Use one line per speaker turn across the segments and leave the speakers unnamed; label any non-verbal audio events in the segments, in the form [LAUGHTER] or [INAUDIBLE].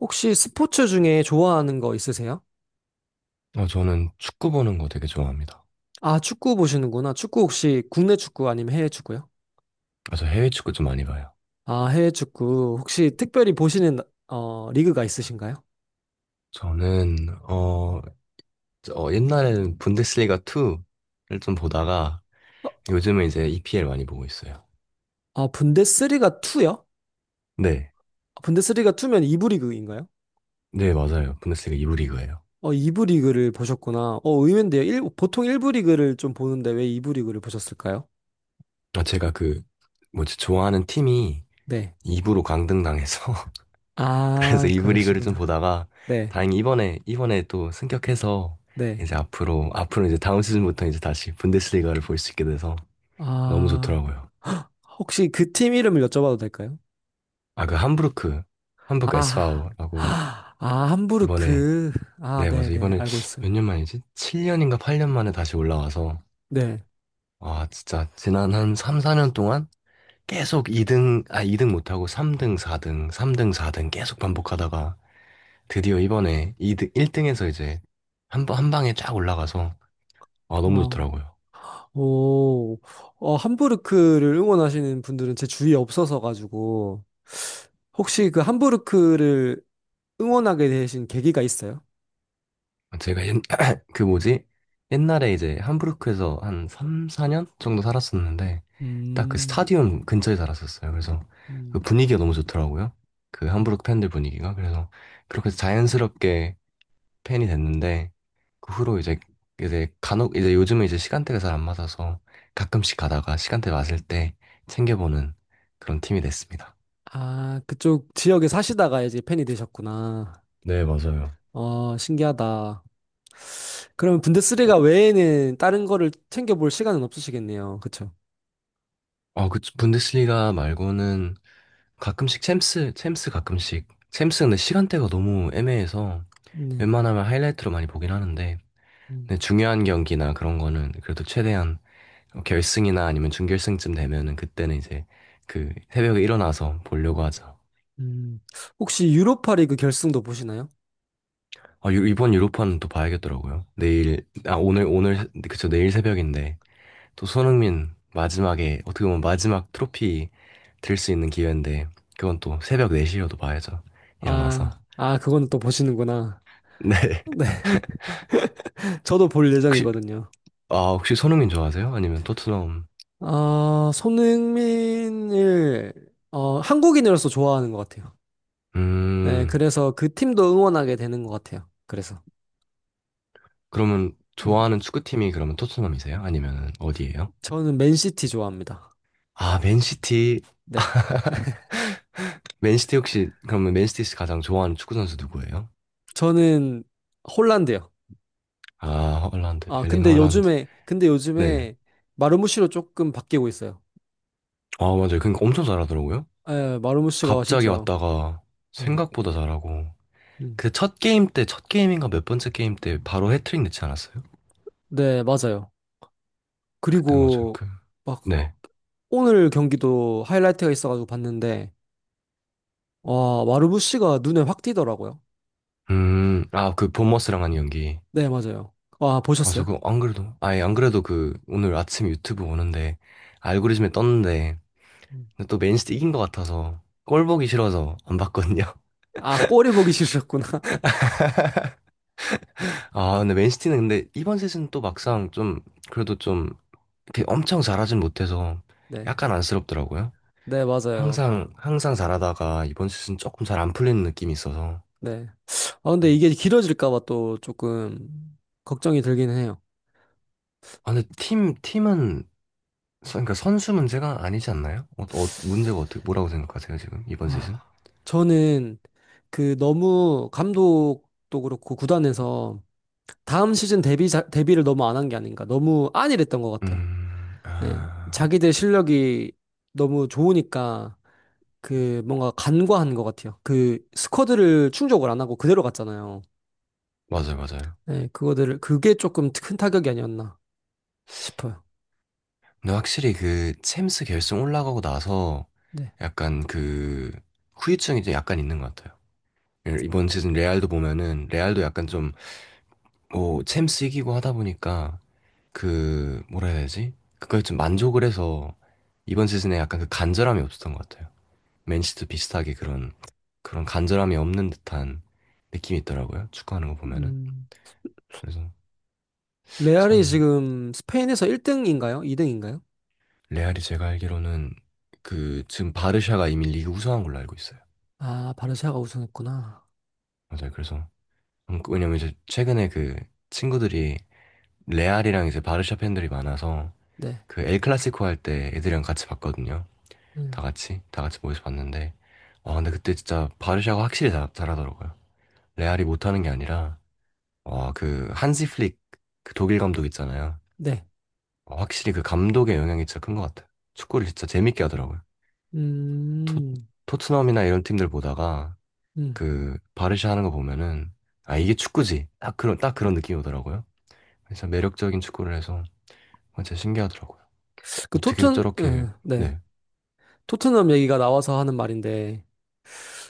혹시 스포츠 중에 좋아하는 거 있으세요?
어, 저는 축구 보는 거 되게 좋아합니다.
아, 축구 보시는구나. 축구 혹시 국내 축구 아니면 해외 축구요?
아, 저 해외 축구 좀 많이 봐요.
아, 해외 축구. 혹시 특별히 보시는 어, 리그가 있으신가요?
저는 옛날에는 분데스리가 2를 좀 보다가
어,
요즘은 이제 EPL 많이 보고 있어요.
아, 분데스리가 2요?
네,
분데스리가 2면 2부 리그인가요?
네 맞아요. 분데스리가 2부 리그예요.
어, 2부 리그를 보셨구나. 어, 의외인데요. 보통 1부 리그를 좀 보는데 왜 2부 리그를 보셨을까요?
아, 제가 그 뭐지 좋아하는 팀이
네.
2부로 강등당해서 [LAUGHS] 그래서
아,
2부 리그를
그러시구나.
좀 보다가
네.
다행히 이번에 또 승격해서
네.
이제 앞으로 이제 다음 시즌부터 이제 다시 분데스리가를 볼 수 있게 돼서 너무
아,
좋더라고요.
혹시 그 팀 이름을 여쭤봐도 될까요?
아, 그 함부르크
아,
SV라고
아,
이번에,
함부르크. 아,
네, 맞아.
네네,
이번에
알고 있어요.
몇 년 만이지? 7년인가 8년 만에 다시 올라와서,
네.
아, 진짜 지난 한 3, 4년 동안 계속 2등, 아, 2등 못하고 3등, 4등, 3등, 4등 계속 반복하다가 드디어 이번에 2등 1등에서 이제 한 방에 쫙 올라가서, 아, 너무
어,
좋더라고요.
오, 어, 함부르크를 응원하시는 분들은 제 주위에 없어서 가지고, 혹시 그 함부르크를 응원하게 되신 계기가 있어요?
제가 옛, [CLEARS THROAT] 그 뭐지? 옛날에 이제 함부르크에서 한 3, 4년 정도 살았었는데 딱 그
음,
스타디움 근처에 살았었어요. 그래서 그
음,
분위기가 너무 좋더라고요. 그
음.
함부르크 팬들 분위기가. 그래서 그렇게 자연스럽게 팬이 됐는데 그 후로 이제 간혹 이제 요즘은 이제 시간대가 잘 안 맞아서 가끔씩 가다가 시간대 맞을 때 챙겨보는 그런 팀이 됐습니다.
아, 그쪽 지역에 사시다가 이제 팬이 되셨구나.
네, 맞아요.
어, 신기하다. 그러면 분데스리가 외에는 다른 거를 챙겨볼 시간은 없으시겠네요. 그쵸?
어, 그 분데스리가 말고는 가끔씩 챔스 가끔씩. 챔스는 시간대가 너무 애매해서
네.
웬만하면 하이라이트로 많이 보긴 하는데, 근데 중요한 경기나 그런 거는 그래도 최대한 결승이나 아니면 준결승쯤 되면은 그때는 이제 그 새벽에 일어나서 보려고 하죠.
음, 혹시 유로파 리그 결승도 보시나요?
아, 이번 유로파는 또 봐야겠더라고요. 내일, 아, 오늘, 그쵸, 내일 새벽인데, 또 손흥민 마지막에, 어떻게 보면 마지막 트로피 들 수 있는 기회인데 그건 또 새벽 4시여도 봐야죠. 일어나서.
아, 아, 그거는 또 보시는구나.
[LAUGHS] 네.
[LAUGHS] 네, 저도 볼
혹시
예정이거든요.
혹시 손흥민 좋아하세요? 아니면 토트넘?
아, 손흥민을, 어, 한국인으로서 좋아하는 것 같아요. 네,
음.
그래서 그 팀도 응원하게 되는 것 같아요. 그래서.
그러면
음,
좋아하는 축구팀이 그러면 토트넘이세요? 아니면 어디예요?
저는 맨시티 좋아합니다.
아, 맨시티.
네.
맨시티 혹시 그러면 맨시티에서 가장 좋아하는 축구 선수 누구예요?
저는 홀란드요.
아, 헐란드.
아,
엘링
근데
헐란드.
요즘에, 근데
네.
요즘에 마르무시로 조금 바뀌고 있어요.
아, 맞아요. 그러니까 엄청 잘하더라고요.
예, 마르무시가
갑자기
진짜,
왔다가
음,
생각보다 잘하고
음.
그 첫 게임 때 첫 게임인가 몇 번째 게임 때 바로 해트릭 넣지 않았어요?
네, 맞아요.
그때 뭐죠?
그리고
그,
막
네.
오늘 경기도 하이라이트가 있어가지고 봤는데 와 마르부시가 눈에 확 띄더라고요.
아, 그 본머스랑 한 연기.
네 맞아요. 와
아, 저
보셨어요?
그, 안 그래도, 아예 안 그래도 그, 오늘 아침 유튜브 오는데, 알고리즘에 떴는데,
음.
근데 또 맨시티 이긴 것 같아서, 꼴 보기 싫어서 안 봤거든요.
아 꼬리 보기 싫으셨구나. [LAUGHS]
[LAUGHS] 아, 근데 맨시티는 근데 이번 시즌 또 막상 좀, 그래도 좀, 이렇게 엄청 잘하진 못해서,
네,
약간 안쓰럽더라고요.
네 맞아요.
항상, 항상 잘하다가, 이번 시즌 조금 잘 안 풀리는 느낌이 있어서.
네. 아 근데 이게 길어질까 봐 또 조금 걱정이 들긴 해요.
아, 근데 팀은 그러니까 선수 문제가 아니지 않나요? 문제가 어떻게 뭐라고 생각하세요 지금 이번 시즌?
아 저는 그 너무 감독도 그렇고 구단에서 다음 시즌 데뷔를 너무 안 한 게 아닌가 너무 안일했던 것 같아요. 네.
아,
자기들 실력이 너무 좋으니까 그 뭔가 간과한 것 같아요. 그 스쿼드를 충족을 안 하고 그대로 갔잖아요.
맞아요, 맞아요.
네, 그거들을 그게 조금 큰 타격이 아니었나 싶어요.
근데 확실히 그 챔스 결승 올라가고 나서
네.
약간 그 후유증이 이제 약간 있는 것 같아요. 예, 이번 시즌 레알도 보면은 레알도 약간 좀 뭐 챔스 이기고 하다 보니까 그 뭐라 해야 되지? 그거에 좀 만족을 해서 이번 시즌에 약간 그 간절함이 없었던 것 같아요. 맨시도 비슷하게 그런 간절함이 없는 듯한 느낌이 있더라고요. 축구하는 거 보면은.
음,
그래서
레알이
참
지금 스페인에서 1등인가요? 2등인가요?
레알이 제가 알기로는 그 지금 바르샤가 이미 리그 우승한 걸로 알고 있어요.
아, 바르샤가 우승했구나.
맞아요. 그래서 왜냐면 이제 최근에 그 친구들이 레알이랑 이제 바르샤 팬들이 많아서
네.
그 엘 클라시코 할 때 애들이랑 같이 봤거든요. 다
네.
같이 다 같이 모여서 봤는데 와 근데 그때 진짜 바르샤가 확실히 잘하더라고요. 레알이 못하는 게 아니라 와 그 한시 플릭 그 독일 감독 있잖아요.
네.
아, 확실히 그 감독의 영향이 진짜 큰 것 같아요. 축구를 진짜 재밌게 하더라고요. 토,
음.
토트넘이나 이런 팀들 보다가
음.
그 바르샤 하는 거 보면은 아 이게 축구지 딱 그런 딱 그런 느낌이 오더라고요. 진짜 매력적인 축구를 해서 진짜 신기하더라고요.
그
어떻게
토튼
저렇게
네.
네
토트넘 얘기가 나와서 하는 말인데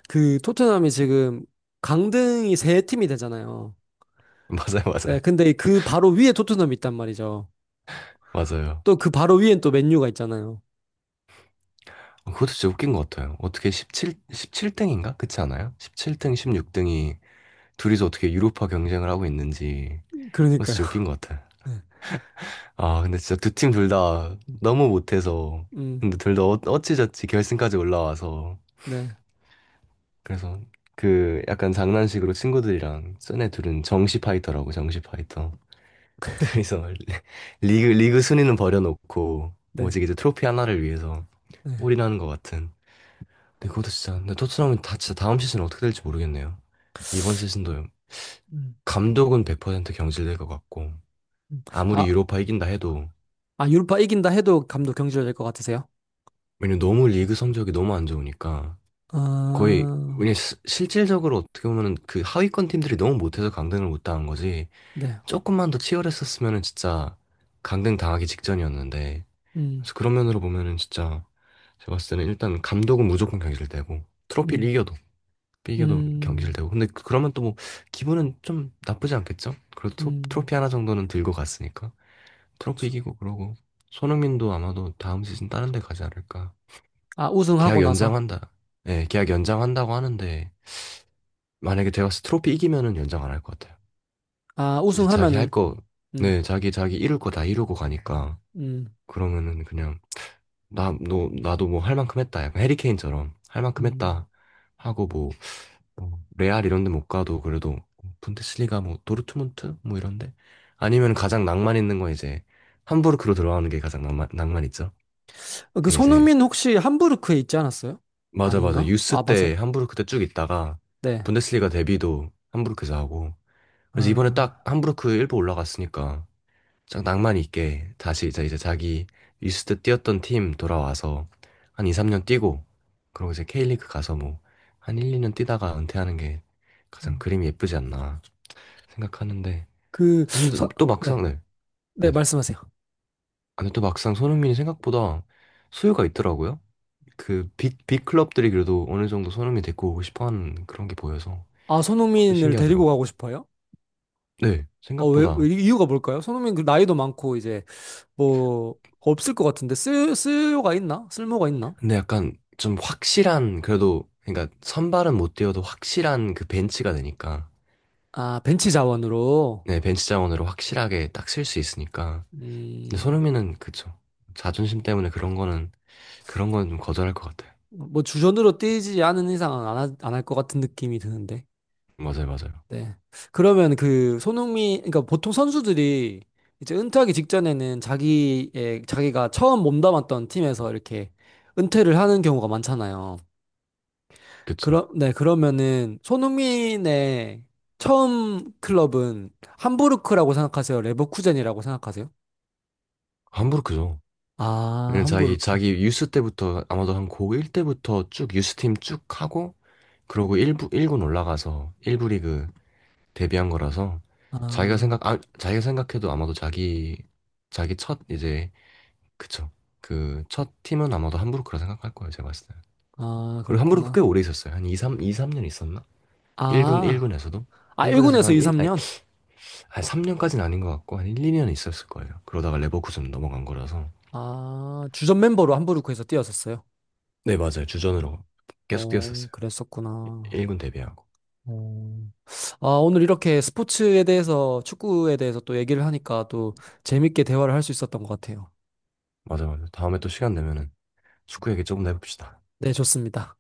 그 토트넘이 지금 강등이 세 팀이 되잖아요.
[LAUGHS] 맞아요 맞아요
네, 근데 이그 바로 위에 토트넘이 있단 말이죠.
맞아요.
또 그 바로 위엔 또 맨유가 있잖아요.
그것도 진짜 웃긴 것 같아요. 어떻게 17 17등인가 그렇지 않아요? 17등 16등이 둘이서 어떻게 유로파 경쟁을 하고 있는지 그거
그러니까요.
진짜 웃긴 것 같아요.
[LAUGHS] 네.
아, 근데 진짜 두 팀 둘 다
음,
너무 못해서.
음,
근데 둘다 어찌저찌 결승까지 올라와서.
네,
그래서 그 약간 장난식으로 친구들이랑 쟤네 둘은 정시 파이터라고, 정시 파이터. 그래서 [LAUGHS] 리그 순위는 버려놓고
네,
오직 이제 트로피 하나를 위해서
네.
올인하는 것 같은. 근데 그것도 진짜, 근데 토트넘은 다 진짜 다음 시즌 어떻게 될지 모르겠네요. 이번 시즌도
음,
감독은 100% 경질될 것 같고
음. 아,
아무리 유로파 이긴다 해도
아, 유로파 이긴다 해도 감독 경질될 것 같으세요?
왜냐면 너무 리그 성적이 너무 안 좋으니까 거의
아,
그냥 실질적으로 어떻게 보면은 그 하위권 팀들이 너무 못해서 강등을 못 당한 거지
네.
조금만 더 치열했었으면은 진짜 강등 당하기 직전이었는데
음,
그래서 그런 면으로 보면은 진짜 제가 봤을 때는 일단 감독은 무조건 경질되고 트로피를
음,
이겨도
음,
경질되고 근데 그러면 또 뭐 기분은 좀 나쁘지 않겠죠? 그래도
음,
트로피 하나 정도는 들고 갔으니까 트로피
그쵸.
이기고 그러고 손흥민도 아마도 다음 시즌 다른 데 가지 않을까
아,
계약
우승하고 나서.
연장한다 예 계약 연장한다고 하는데 만약에 제가 트로피 이기면은 연장 안 할 것 같아요.
아,
이제 자기 할
우승하면은,
거,
음,
네, 자기 이룰 거 다 이루고 가니까
음,
그러면은 그냥 나, 너, 나도 뭐 할 만큼 했다. 약간 해리케인처럼 할 만큼
음.
했다 하고 뭐, 뭐 레알 이런 데 못 가도 그래도 분데스리가 뭐 도르트문트 뭐 이런데 아니면 가장 낭만 있는 거 이제 함부르크로 들어가는 게 가장 낭만 낭만 있죠.
어, 그
이제
손흥민 혹시 함부르크에 있지 않았어요?
맞아 맞아
아닌가? 아,
유스
맞아요?
때 함부르크 때 쭉 있다가
네.
분데스리가 데뷔도 함부르크에서 하고 그래서 이번에 딱
아,
함부르크 일부 올라갔으니까 짝 낭만 있게 다시 이제 자기 리스트 뛰었던 팀 돌아와서 한 2, 3년 뛰고 그러고 이제 K리그 가서 뭐 한 1, 2년 뛰다가 은퇴하는 게 가장
음.
그림이 예쁘지 않나 생각하는데
그,
근데
서,
또
네.
막상 네,
네,
네네 아,
말씀하세요.
근데 또 막상 손흥민이 생각보다 수요가 있더라고요 그 빅 클럽들이 그래도 어느 정도 손흥민 데리고 오고 싶어 하는 그런 게 보여서
아,
그것도
손흥민을 데리고
신기하더라고요
가고 싶어요?
네
어, 왜,
생각보다
이유가 뭘까요? 손흥민 그 나이도 많고 이제 뭐 없을 것 같은데 쓸모가 있나? 쓸모가 있나?
근데 약간 좀 확실한 그래도 그러니까 선발은 못 뛰어도 확실한 그 벤치가 되니까
아, 벤치 자원으로
네 벤치 자원으로 확실하게 딱 쓸 수 있으니까 근데
음,
손흥민은 그쵸 자존심 때문에 그런 거는 좀 거절할 것 같아요
뭐 주전으로 뛰지 않은 이상은 안, 할 것 같은 느낌이 드는데.
맞아요 맞아요
네. 그러면 그 손흥민 그러니까 보통 선수들이 이제 은퇴하기 직전에는 자기의 자기가 처음 몸담았던 팀에서 이렇게 은퇴를 하는 경우가 많잖아요.
그쵸
그러, 네, 그러면은 손흥민의 처음 클럽은 함부르크라고 생각하세요? 레버쿠젠이라고 생각하세요?
함부르크죠
아,
왜냐면
함부르크.
자기 유스 때부터 아마도 한 고1 때부터 쭉 유스팀 쭉 하고 그러고 1부 1군 올라가서 1부 리그 데뷔한 거라서 자기가
아,
생각 아, 자기가 생각해도 아마도 자기 첫 이제 그쵸. 그 첫 팀은 아마도 함부르크라 생각할 거예요, 제가 봤을 때는.
아,
그리고 함부르크 꽤
그렇구나.
오래 있었어요. 한 2, 3, 2, 3년 있었나?
아,
1군에서도?
아,
1군에서도
1군에서
한
2,
1, 아니,
3년?
한 3년까지는 아닌 것 같고, 한 1, 2년 있었을 거예요. 그러다가 레버쿠젠 넘어간 거라서.
아, 주전 멤버로 함부르크에서 뛰었었어요.
네, 맞아요. 주전으로 계속
어,
뛰었었어요.
그랬었구나.
1군 데뷔하고.
어. 아, 오늘 이렇게 스포츠에 대해서, 축구에 대해서 또 얘기를 하니까 또 재밌게 대화를 할 수 있었던 것 같아요.
맞아, 맞아. 다음에 또 시간 되면은 축구 얘기 조금 더 해봅시다.
네, 좋습니다.